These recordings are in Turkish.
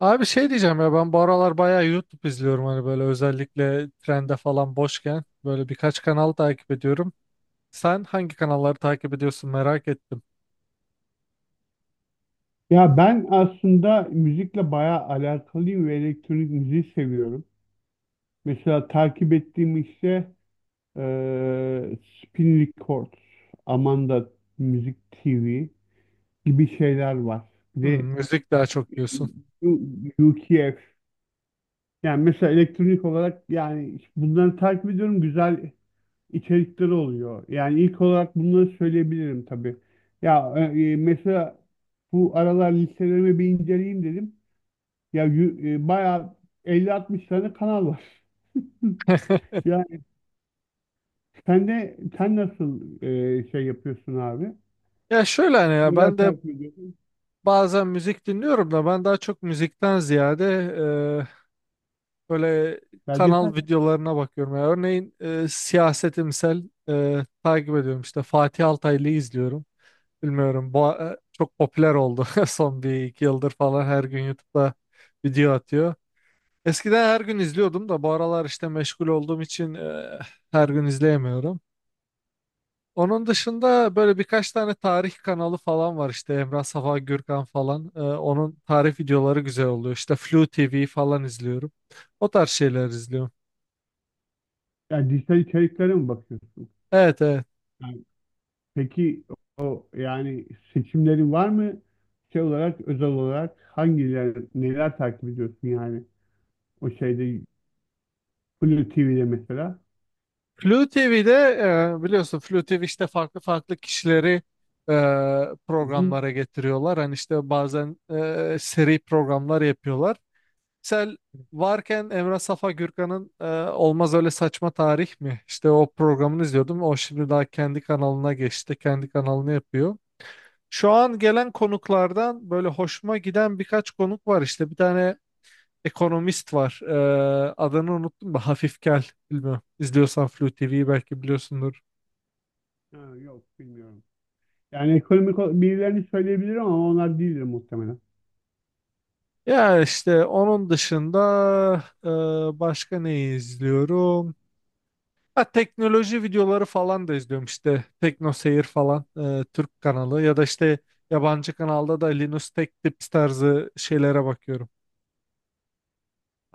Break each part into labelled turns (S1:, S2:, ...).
S1: Abi şey diyeceğim ya, ben bu aralar bayağı YouTube izliyorum hani, böyle özellikle trende falan boşken böyle birkaç kanal takip ediyorum. Sen hangi kanalları takip ediyorsun, merak ettim.
S2: Ya ben aslında müzikle bayağı alakalıyım ve elektronik müziği seviyorum. Mesela takip ettiğim işte Spin Records, Amanda Music TV gibi şeyler var. Bir
S1: Hmm,
S2: de
S1: müzik daha çok diyorsun.
S2: U- UKF. Yani mesela elektronik olarak yani işte bunları takip ediyorum. Güzel içerikleri oluyor. Yani ilk olarak bunları söyleyebilirim tabii. Ya mesela bu aralar listelerimi bir inceleyeyim dedim. Ya bayağı 50-60 tane kanal var. Yani sen nasıl şey yapıyorsun abi?
S1: Ya şöyle hani, ya
S2: Neler
S1: ben de
S2: takip ediyorsun?
S1: bazen müzik dinliyorum da ben daha çok müzikten ziyade e, böyle kanal
S2: Belgesel,
S1: videolarına bakıyorum. Ya örneğin siyasetimsel, takip ediyorum işte, Fatih Altaylı'yı izliyorum. Bilmiyorum. Bu çok popüler oldu, son bir iki yıldır falan her gün YouTube'da video atıyor. Eskiden her gün izliyordum da bu aralar işte meşgul olduğum için her gün izleyemiyorum. Onun dışında böyle birkaç tane tarih kanalı falan var, işte Emrah Safa Gürkan falan. Onun tarih videoları güzel oluyor. İşte Flu TV falan izliyorum. O tarz şeyler izliyorum.
S2: yani dijital içeriklere mi bakıyorsun?
S1: Evet, evet.
S2: Yani peki o yani seçimlerin var mı? Şey olarak, özel olarak hangileri, neler takip ediyorsun yani? O şeyde Blue TV'de mesela.
S1: Flu TV'de biliyorsun Flu TV işte farklı farklı kişileri e,
S2: Hı hı.
S1: programlara getiriyorlar. Hani işte bazen seri programlar yapıyorlar. Sel varken Emrah Safa Gürkan'ın Olmaz Öyle Saçma Tarih mi, İşte o programını izliyordum. O şimdi daha kendi kanalına geçti. Kendi kanalını yapıyor. Şu an gelen konuklardan böyle hoşuma giden birkaç konuk var. İşte bir tane ekonomist var. Adını unuttum da, Hafif Gel. Bilmiyorum. İzliyorsan Flu TV'yi belki biliyorsundur.
S2: Ha, yok bilmiyorum. Yani birilerini söyleyebilirim ama onlar değildir muhtemelen.
S1: Ya işte onun dışında başka ne izliyorum? Ha, teknoloji videoları falan da izliyorum, işte Tekno Seyir falan, Türk kanalı, ya da işte yabancı kanalda da Linus Tech Tips tarzı şeylere bakıyorum.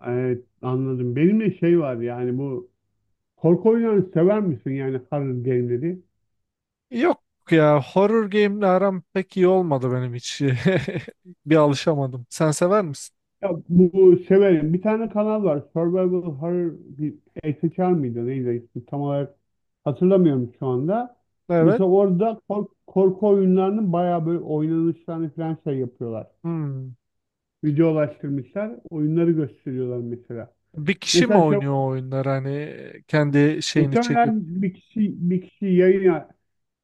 S2: Evet, anladım. Benim de şey var yani bu korku oyunlarını sever misin yani horror game'leri?
S1: Yok ya, horror game'le aram pek iyi olmadı benim hiç. Bir alışamadım. Sen sever misin?
S2: Ya bu, severim. Bir tane kanal var. Survival Horror bir SHR mıydı neydi ismi tam olarak hatırlamıyorum şu anda.
S1: Evet.
S2: Mesela orada korku oyunlarının bayağı böyle oynanışlarını falan şey yapıyorlar.
S1: Hmm.
S2: Videolaştırmışlar. Oyunları gösteriyorlar mesela.
S1: Bir kişi mi
S2: Mesela şey
S1: oynuyor o oyunlar, hani kendi şeyini çekip?
S2: muhtemelen bir kişi yayın ya,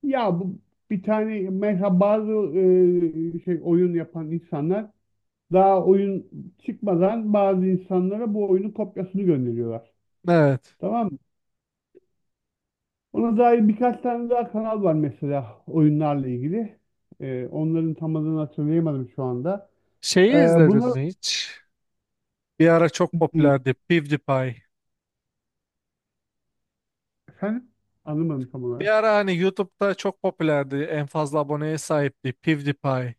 S2: ya bu bir tane mesela bazı şey oyun yapan insanlar daha oyun çıkmadan bazı insanlara bu oyunun kopyasını gönderiyorlar.
S1: Evet.
S2: Tamam mı? Ona dair birkaç tane daha kanal var mesela oyunlarla ilgili. Onların tam adını hatırlayamadım şu anda. E,
S1: Şeyi
S2: Bunlar
S1: izledin mi hiç? Bir ara çok popülerdi PewDiePie.
S2: efendim anlamadım tam
S1: Bir
S2: olarak.
S1: ara hani YouTube'da çok popülerdi, en fazla aboneye sahipti PewDiePie.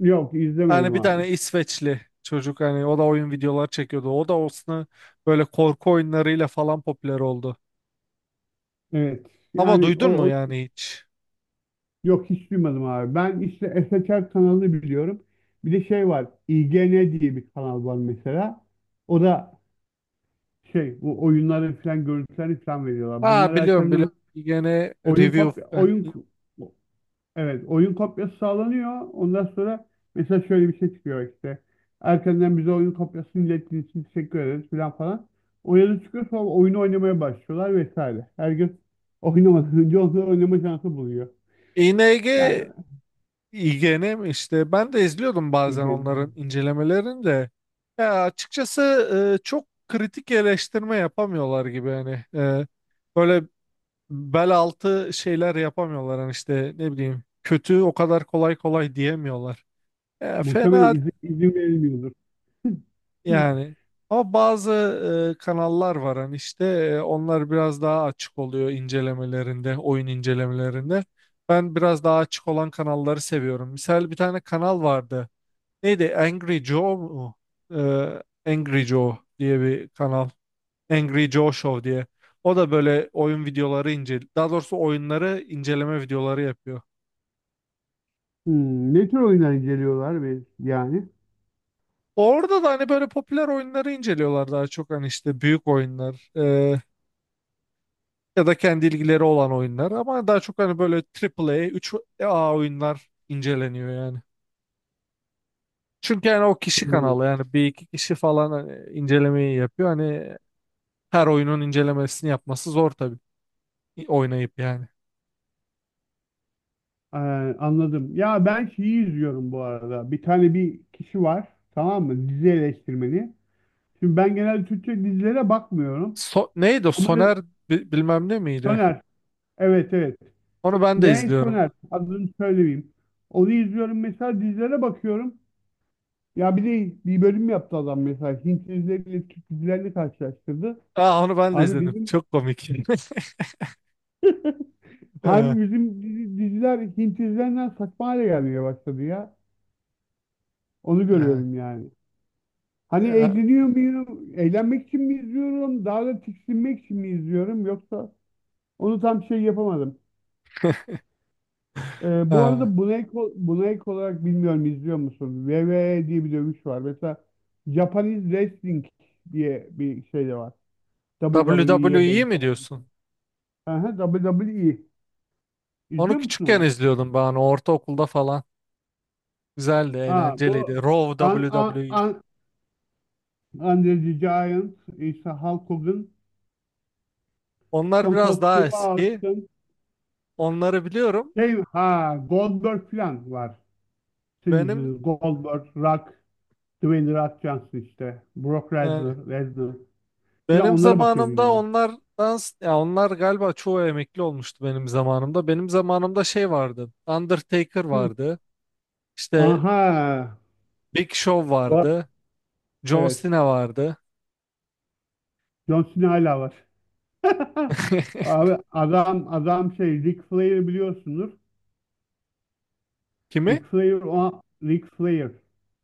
S2: Yok
S1: Hani
S2: izlemedim
S1: bir
S2: abi.
S1: tane İsveçli çocuk, hani o da oyun videoları çekiyordu. O da olsun böyle korku oyunlarıyla falan popüler oldu.
S2: Evet.
S1: Ama
S2: Yani
S1: duydun mu
S2: o
S1: yani hiç?
S2: Yok, hiç duymadım abi. Ben işte SHR kanalını biliyorum. Bir de şey var. IGN diye bir kanal var mesela. O da şey bu oyunların falan görüntülerini falan veriyorlar.
S1: Ha,
S2: Bunlar
S1: biliyorum,
S2: erkenden
S1: biliyorum. Gene
S2: oyun
S1: review
S2: kopya
S1: yani,
S2: oyun evet oyun kopyası sağlanıyor. Ondan sonra mesela şöyle bir şey çıkıyor işte. Erkenden bize oyun kopyasını ilettiğiniz için teşekkür ederiz falan falan. O yazı çıkıyor, sonra oyunu oynamaya başlıyorlar vesaire. Herkes oynamadan önce onları oynama şansı buluyor.
S1: ING,
S2: Yani
S1: IGN mi işte, ben de izliyordum bazen onların
S2: IGN.
S1: incelemelerini de. Ya açıkçası çok kritik eleştirme yapamıyorlar gibi hani. Böyle bel altı şeyler yapamıyorlar, hani işte, ne bileyim, kötü o kadar kolay kolay diyemiyorlar. E,
S2: Muhtemelen
S1: fena
S2: izin verilmiyordur.
S1: yani. Ama bazı kanallar var, hani işte onlar biraz daha açık oluyor incelemelerinde, oyun incelemelerinde. Ben biraz daha açık olan kanalları seviyorum. Misal, bir tane kanal vardı. Neydi? Angry Joe mu? Angry Joe diye bir kanal. Angry Joe Show diye. O da böyle oyun videoları ince, daha doğrusu oyunları inceleme videoları yapıyor.
S2: Hmm, ne tür oyunlar inceliyorlar ve yani?
S1: Orada da hani böyle popüler oyunları inceliyorlar daha çok, hani işte büyük oyunlar, ya da kendi ilgileri olan oyunlar, ama daha çok hani böyle AAA, 3A oyunlar inceleniyor yani. Çünkü yani o kişi
S2: Hmm,
S1: kanalı, yani bir iki kişi falan hani incelemeyi yapıyor. Hani her oyunun incelemesini yapması zor tabii, oynayıp yani.
S2: ee, anladım. Ya ben şeyi izliyorum bu arada. Bir tane bir kişi var, tamam mı? Dizi eleştirmeni. Şimdi ben genelde Türkçe dizilere bakmıyorum.
S1: Neydi o?
S2: Ama
S1: Soner bilmem ne miydi?
S2: Soner, evet evet.
S1: Onu ben de
S2: M.
S1: izliyorum.
S2: Soner, adını söylemeyeyim. Onu izliyorum mesela, dizilere bakıyorum. Ya bir de bir bölüm yaptı adam mesela. Hint dizileriyle Türk dizilerini karşılaştırdı.
S1: Aa, onu ben de
S2: Abi
S1: izledim.
S2: bizim
S1: Çok komik. Ee,
S2: hem bizim diziler Hint dizilerinden saçma hale gelmeye başladı ya. Onu
S1: ee,
S2: görüyorum yani. Hani
S1: ee,
S2: eğleniyor muyum? Eğlenmek için mi izliyorum? Daha da tiksinmek için mi izliyorum? Yoksa onu tam şey yapamadım. Bu
S1: ee.
S2: arada buna ek olarak bilmiyorum, izliyor musun? WWE diye bir dövüş var. Mesela Japanese Wrestling diye bir şey de var. WWE'ye
S1: WWE mi
S2: benzer.
S1: diyorsun?
S2: Aha, WWE.
S1: Onu
S2: İzliyor musun
S1: küçükken
S2: onu?
S1: izliyordum ben. Hani ortaokulda falan. Güzeldi,
S2: Ha,
S1: eğlenceliydi.
S2: bu
S1: Raw,
S2: An-
S1: W
S2: An-
S1: W E
S2: An- Andre the Giant, işte Hulk Hogan,
S1: Onlar
S2: Stone
S1: biraz
S2: Cold
S1: daha
S2: Steve
S1: eski.
S2: Austin,
S1: Onları biliyorum.
S2: şey, ha Goldberg falan var. Sizin
S1: Benim
S2: yüzünüz. Goldberg, Rock, Dwayne The Rock Johnson işte, Brock
S1: e,
S2: Lesnar falan
S1: benim
S2: onlara bakıyordun
S1: zamanımda
S2: yani.
S1: onlardan ya onlar galiba çoğu emekli olmuştu benim zamanımda. Benim zamanımda şey vardı. Undertaker
S2: Kim?
S1: vardı. İşte
S2: Aha,
S1: Big Show
S2: var.
S1: vardı. John
S2: Evet,
S1: Cena vardı.
S2: John Cena hala var. Abi adam adam şey Ric Flair biliyorsunuz.
S1: Kimi?
S2: Ric Flair o Ric Flair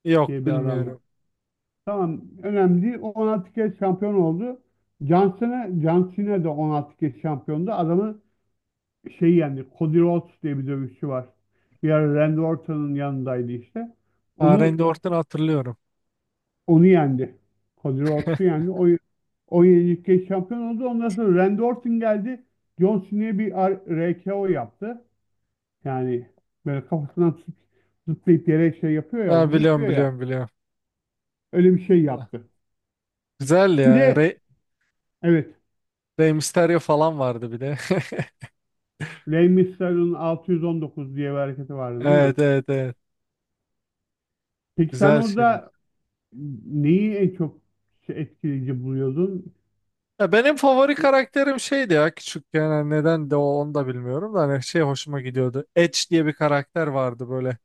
S1: Yok,
S2: diye bir adam var.
S1: bilmiyorum.
S2: Tamam önemli değil. O 16 kez şampiyon oldu. Johnson'a John Cena de 16 kez şampiyondu. Adamı şey yendi. Cody Rhodes diye bir dövüşçü var. Bir ara Randy Orton'un yanındaydı işte.
S1: Aa,
S2: Onu
S1: Randy Orton'u hatırlıyorum.
S2: onu yendi. Cody Rhodes'u yendi. O 17 kez şampiyon oldu. Ondan sonra Randy Orton geldi. John Cena'ya bir RKO yaptı. Yani böyle zıplayıp yere şey yapıyor ya,
S1: Ha,
S2: vuruyor
S1: biliyorum,
S2: ya.
S1: biliyorum, biliyorum.
S2: Öyle bir şey
S1: Ha,
S2: yaptı.
S1: güzel
S2: Bir
S1: ya.
S2: de
S1: Rey,
S2: evet
S1: Rey Mysterio falan vardı bir de.
S2: Rey Mysterio'nun 619 diye bir hareketi vardı değil mi?
S1: Evet, evet, evet.
S2: Peki sen
S1: Güzel şeyler.
S2: orada neyi en çok etkileyici buluyordun?
S1: Ya benim favori
S2: E,
S1: karakterim şeydi ya küçükken. Yani neden de o, onu da bilmiyorum da, hani şey, hoşuma gidiyordu. Edge diye bir karakter vardı, böyle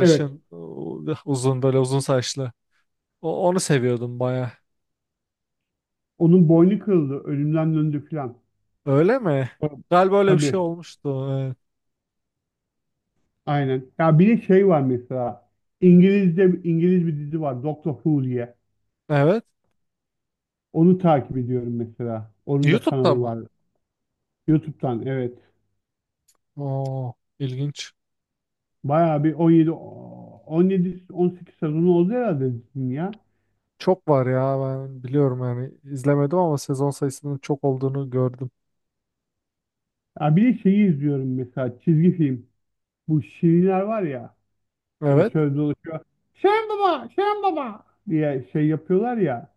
S2: Evet.
S1: uzun, böyle uzun saçlı. Onu seviyordum baya.
S2: Onun boynu kırıldı. Ölümden döndü filan.
S1: Öyle mi?
S2: Tamam.
S1: Galiba öyle bir şey
S2: Tabii.
S1: olmuştu, evet.
S2: Aynen. Ya bir de şey var mesela. İngiliz bir dizi var, Doctor Who diye.
S1: Evet.
S2: Onu takip ediyorum mesela. Onun da
S1: YouTube'da
S2: kanalı
S1: mı?
S2: var. YouTube'dan evet.
S1: Oo, ilginç.
S2: Bayağı bir 17 18 sezonu oldu herhalde dizinin ya.
S1: Çok var ya, ben biliyorum yani, izlemedim ama sezon sayısının çok olduğunu gördüm.
S2: Ya bir de şeyi izliyorum mesela, çizgi film. Bu şirinler var ya hani
S1: Evet.
S2: şöyle dolaşıyor. Şen baba, Şen baba diye şey yapıyorlar ya.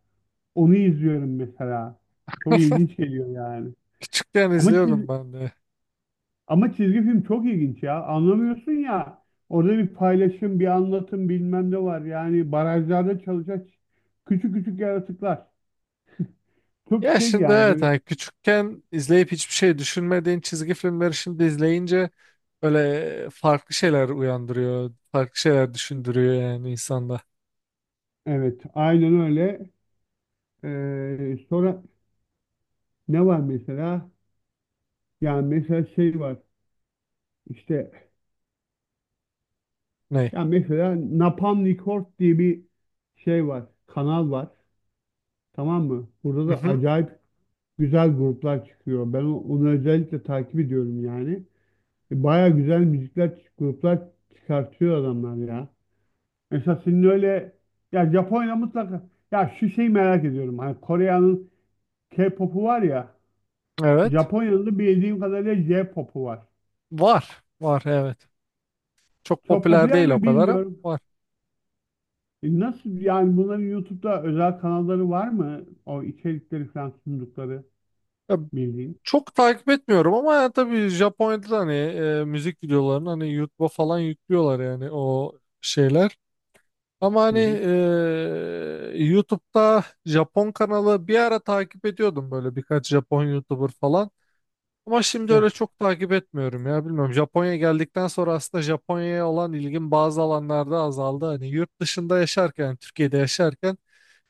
S2: Onu izliyorum mesela. Çok ilginç geliyor yani.
S1: Küçükken
S2: Ama çiz
S1: izliyordum ben de.
S2: ama çizgi film çok ilginç ya. Anlamıyorsun ya. Orada bir paylaşım, bir anlatım bilmem ne var. Yani barajlarda çalışan küçük küçük yaratıklar. Çok
S1: Ya
S2: şey
S1: şimdi
S2: yani
S1: evet,
S2: böyle,
S1: yani küçükken izleyip hiçbir şey düşünmediğin çizgi filmleri şimdi izleyince böyle farklı şeyler uyandırıyor. Farklı şeyler düşündürüyor yani insanda.
S2: evet, aynen öyle. Sonra ne var mesela? Yani mesela şey var. İşte
S1: Ne?
S2: ya mesela Napalm Records diye bir şey var, kanal var. Tamam mı? Burada da
S1: Mhm,
S2: acayip güzel gruplar çıkıyor. Ben onu özellikle takip ediyorum yani. Baya güzel müzikler, gruplar çıkartıyor adamlar ya. Mesela senin öyle ya, Japonya mutlaka, ya şu şeyi merak ediyorum. Hani Kore'nin K-pop'u var ya.
S1: evet.
S2: Japonya'da bildiğim kadarıyla J-pop'u var.
S1: Var. Var, evet. Çok
S2: Çok
S1: popüler
S2: popüler
S1: değil o
S2: mi
S1: kadar, ama
S2: bilmiyorum.
S1: var.
S2: Nasıl yani, bunların YouTube'da özel kanalları var mı? O içerikleri falan sundukları bildiğin.
S1: Çok takip etmiyorum ama, ya tabii Japonya'da da hani müzik videolarını hani YouTube'a falan yüklüyorlar, yani o şeyler. Ama
S2: Hı
S1: hani
S2: hı.
S1: YouTube'da Japon kanalı bir ara takip ediyordum, böyle birkaç Japon YouTuber falan. Ama şimdi
S2: Evet.
S1: öyle çok takip etmiyorum ya, bilmiyorum. Japonya'ya geldikten sonra aslında Japonya'ya olan ilgim bazı alanlarda azaldı. Hani yurt dışında yaşarken, Türkiye'de yaşarken,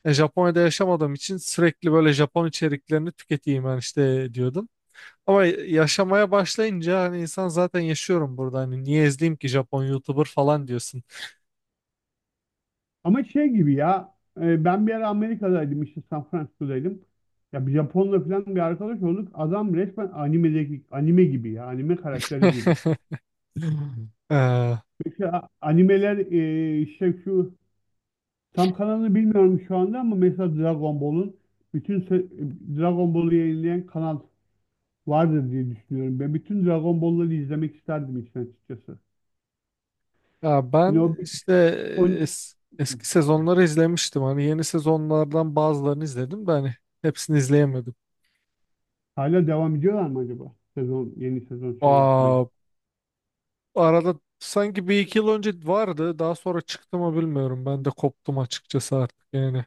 S1: Japonya'da yaşamadığım için sürekli böyle Japon içeriklerini tüketeyim ben, işte diyordum. Ama yaşamaya başlayınca hani, insan zaten yaşıyorum burada. Hani niye izleyeyim ki Japon YouTuber falan diyorsun.
S2: Ama şey gibi ya, ben bir ara Amerika'daydım, işte San Francisco'daydım. Ya bir Japonla falan bir arkadaş olduk. Adam resmen animedeki anime gibi ya, anime karakteri gibi.
S1: Ee,
S2: Mesela animeler, işte şu tam kanalını bilmiyorum şu anda ama mesela Dragon Ball'un bütün se- Dragon Ball'u yayınlayan kanal vardır diye düşünüyorum. Ben bütün Dragon Ball'ları izlemek isterdim işin açıkçası.
S1: ya
S2: Hani o,
S1: ben
S2: bir-
S1: işte
S2: o
S1: eski sezonları izlemiştim. Hani yeni sezonlardan bazılarını izledim de hani hepsini izleyemedim.
S2: hala devam ediyorlar mı acaba? Yeni sezon şey yapmaya.
S1: Aa, arada sanki bir iki yıl önce vardı. Daha sonra çıktı mı bilmiyorum. Ben de koptum açıkçası artık yani.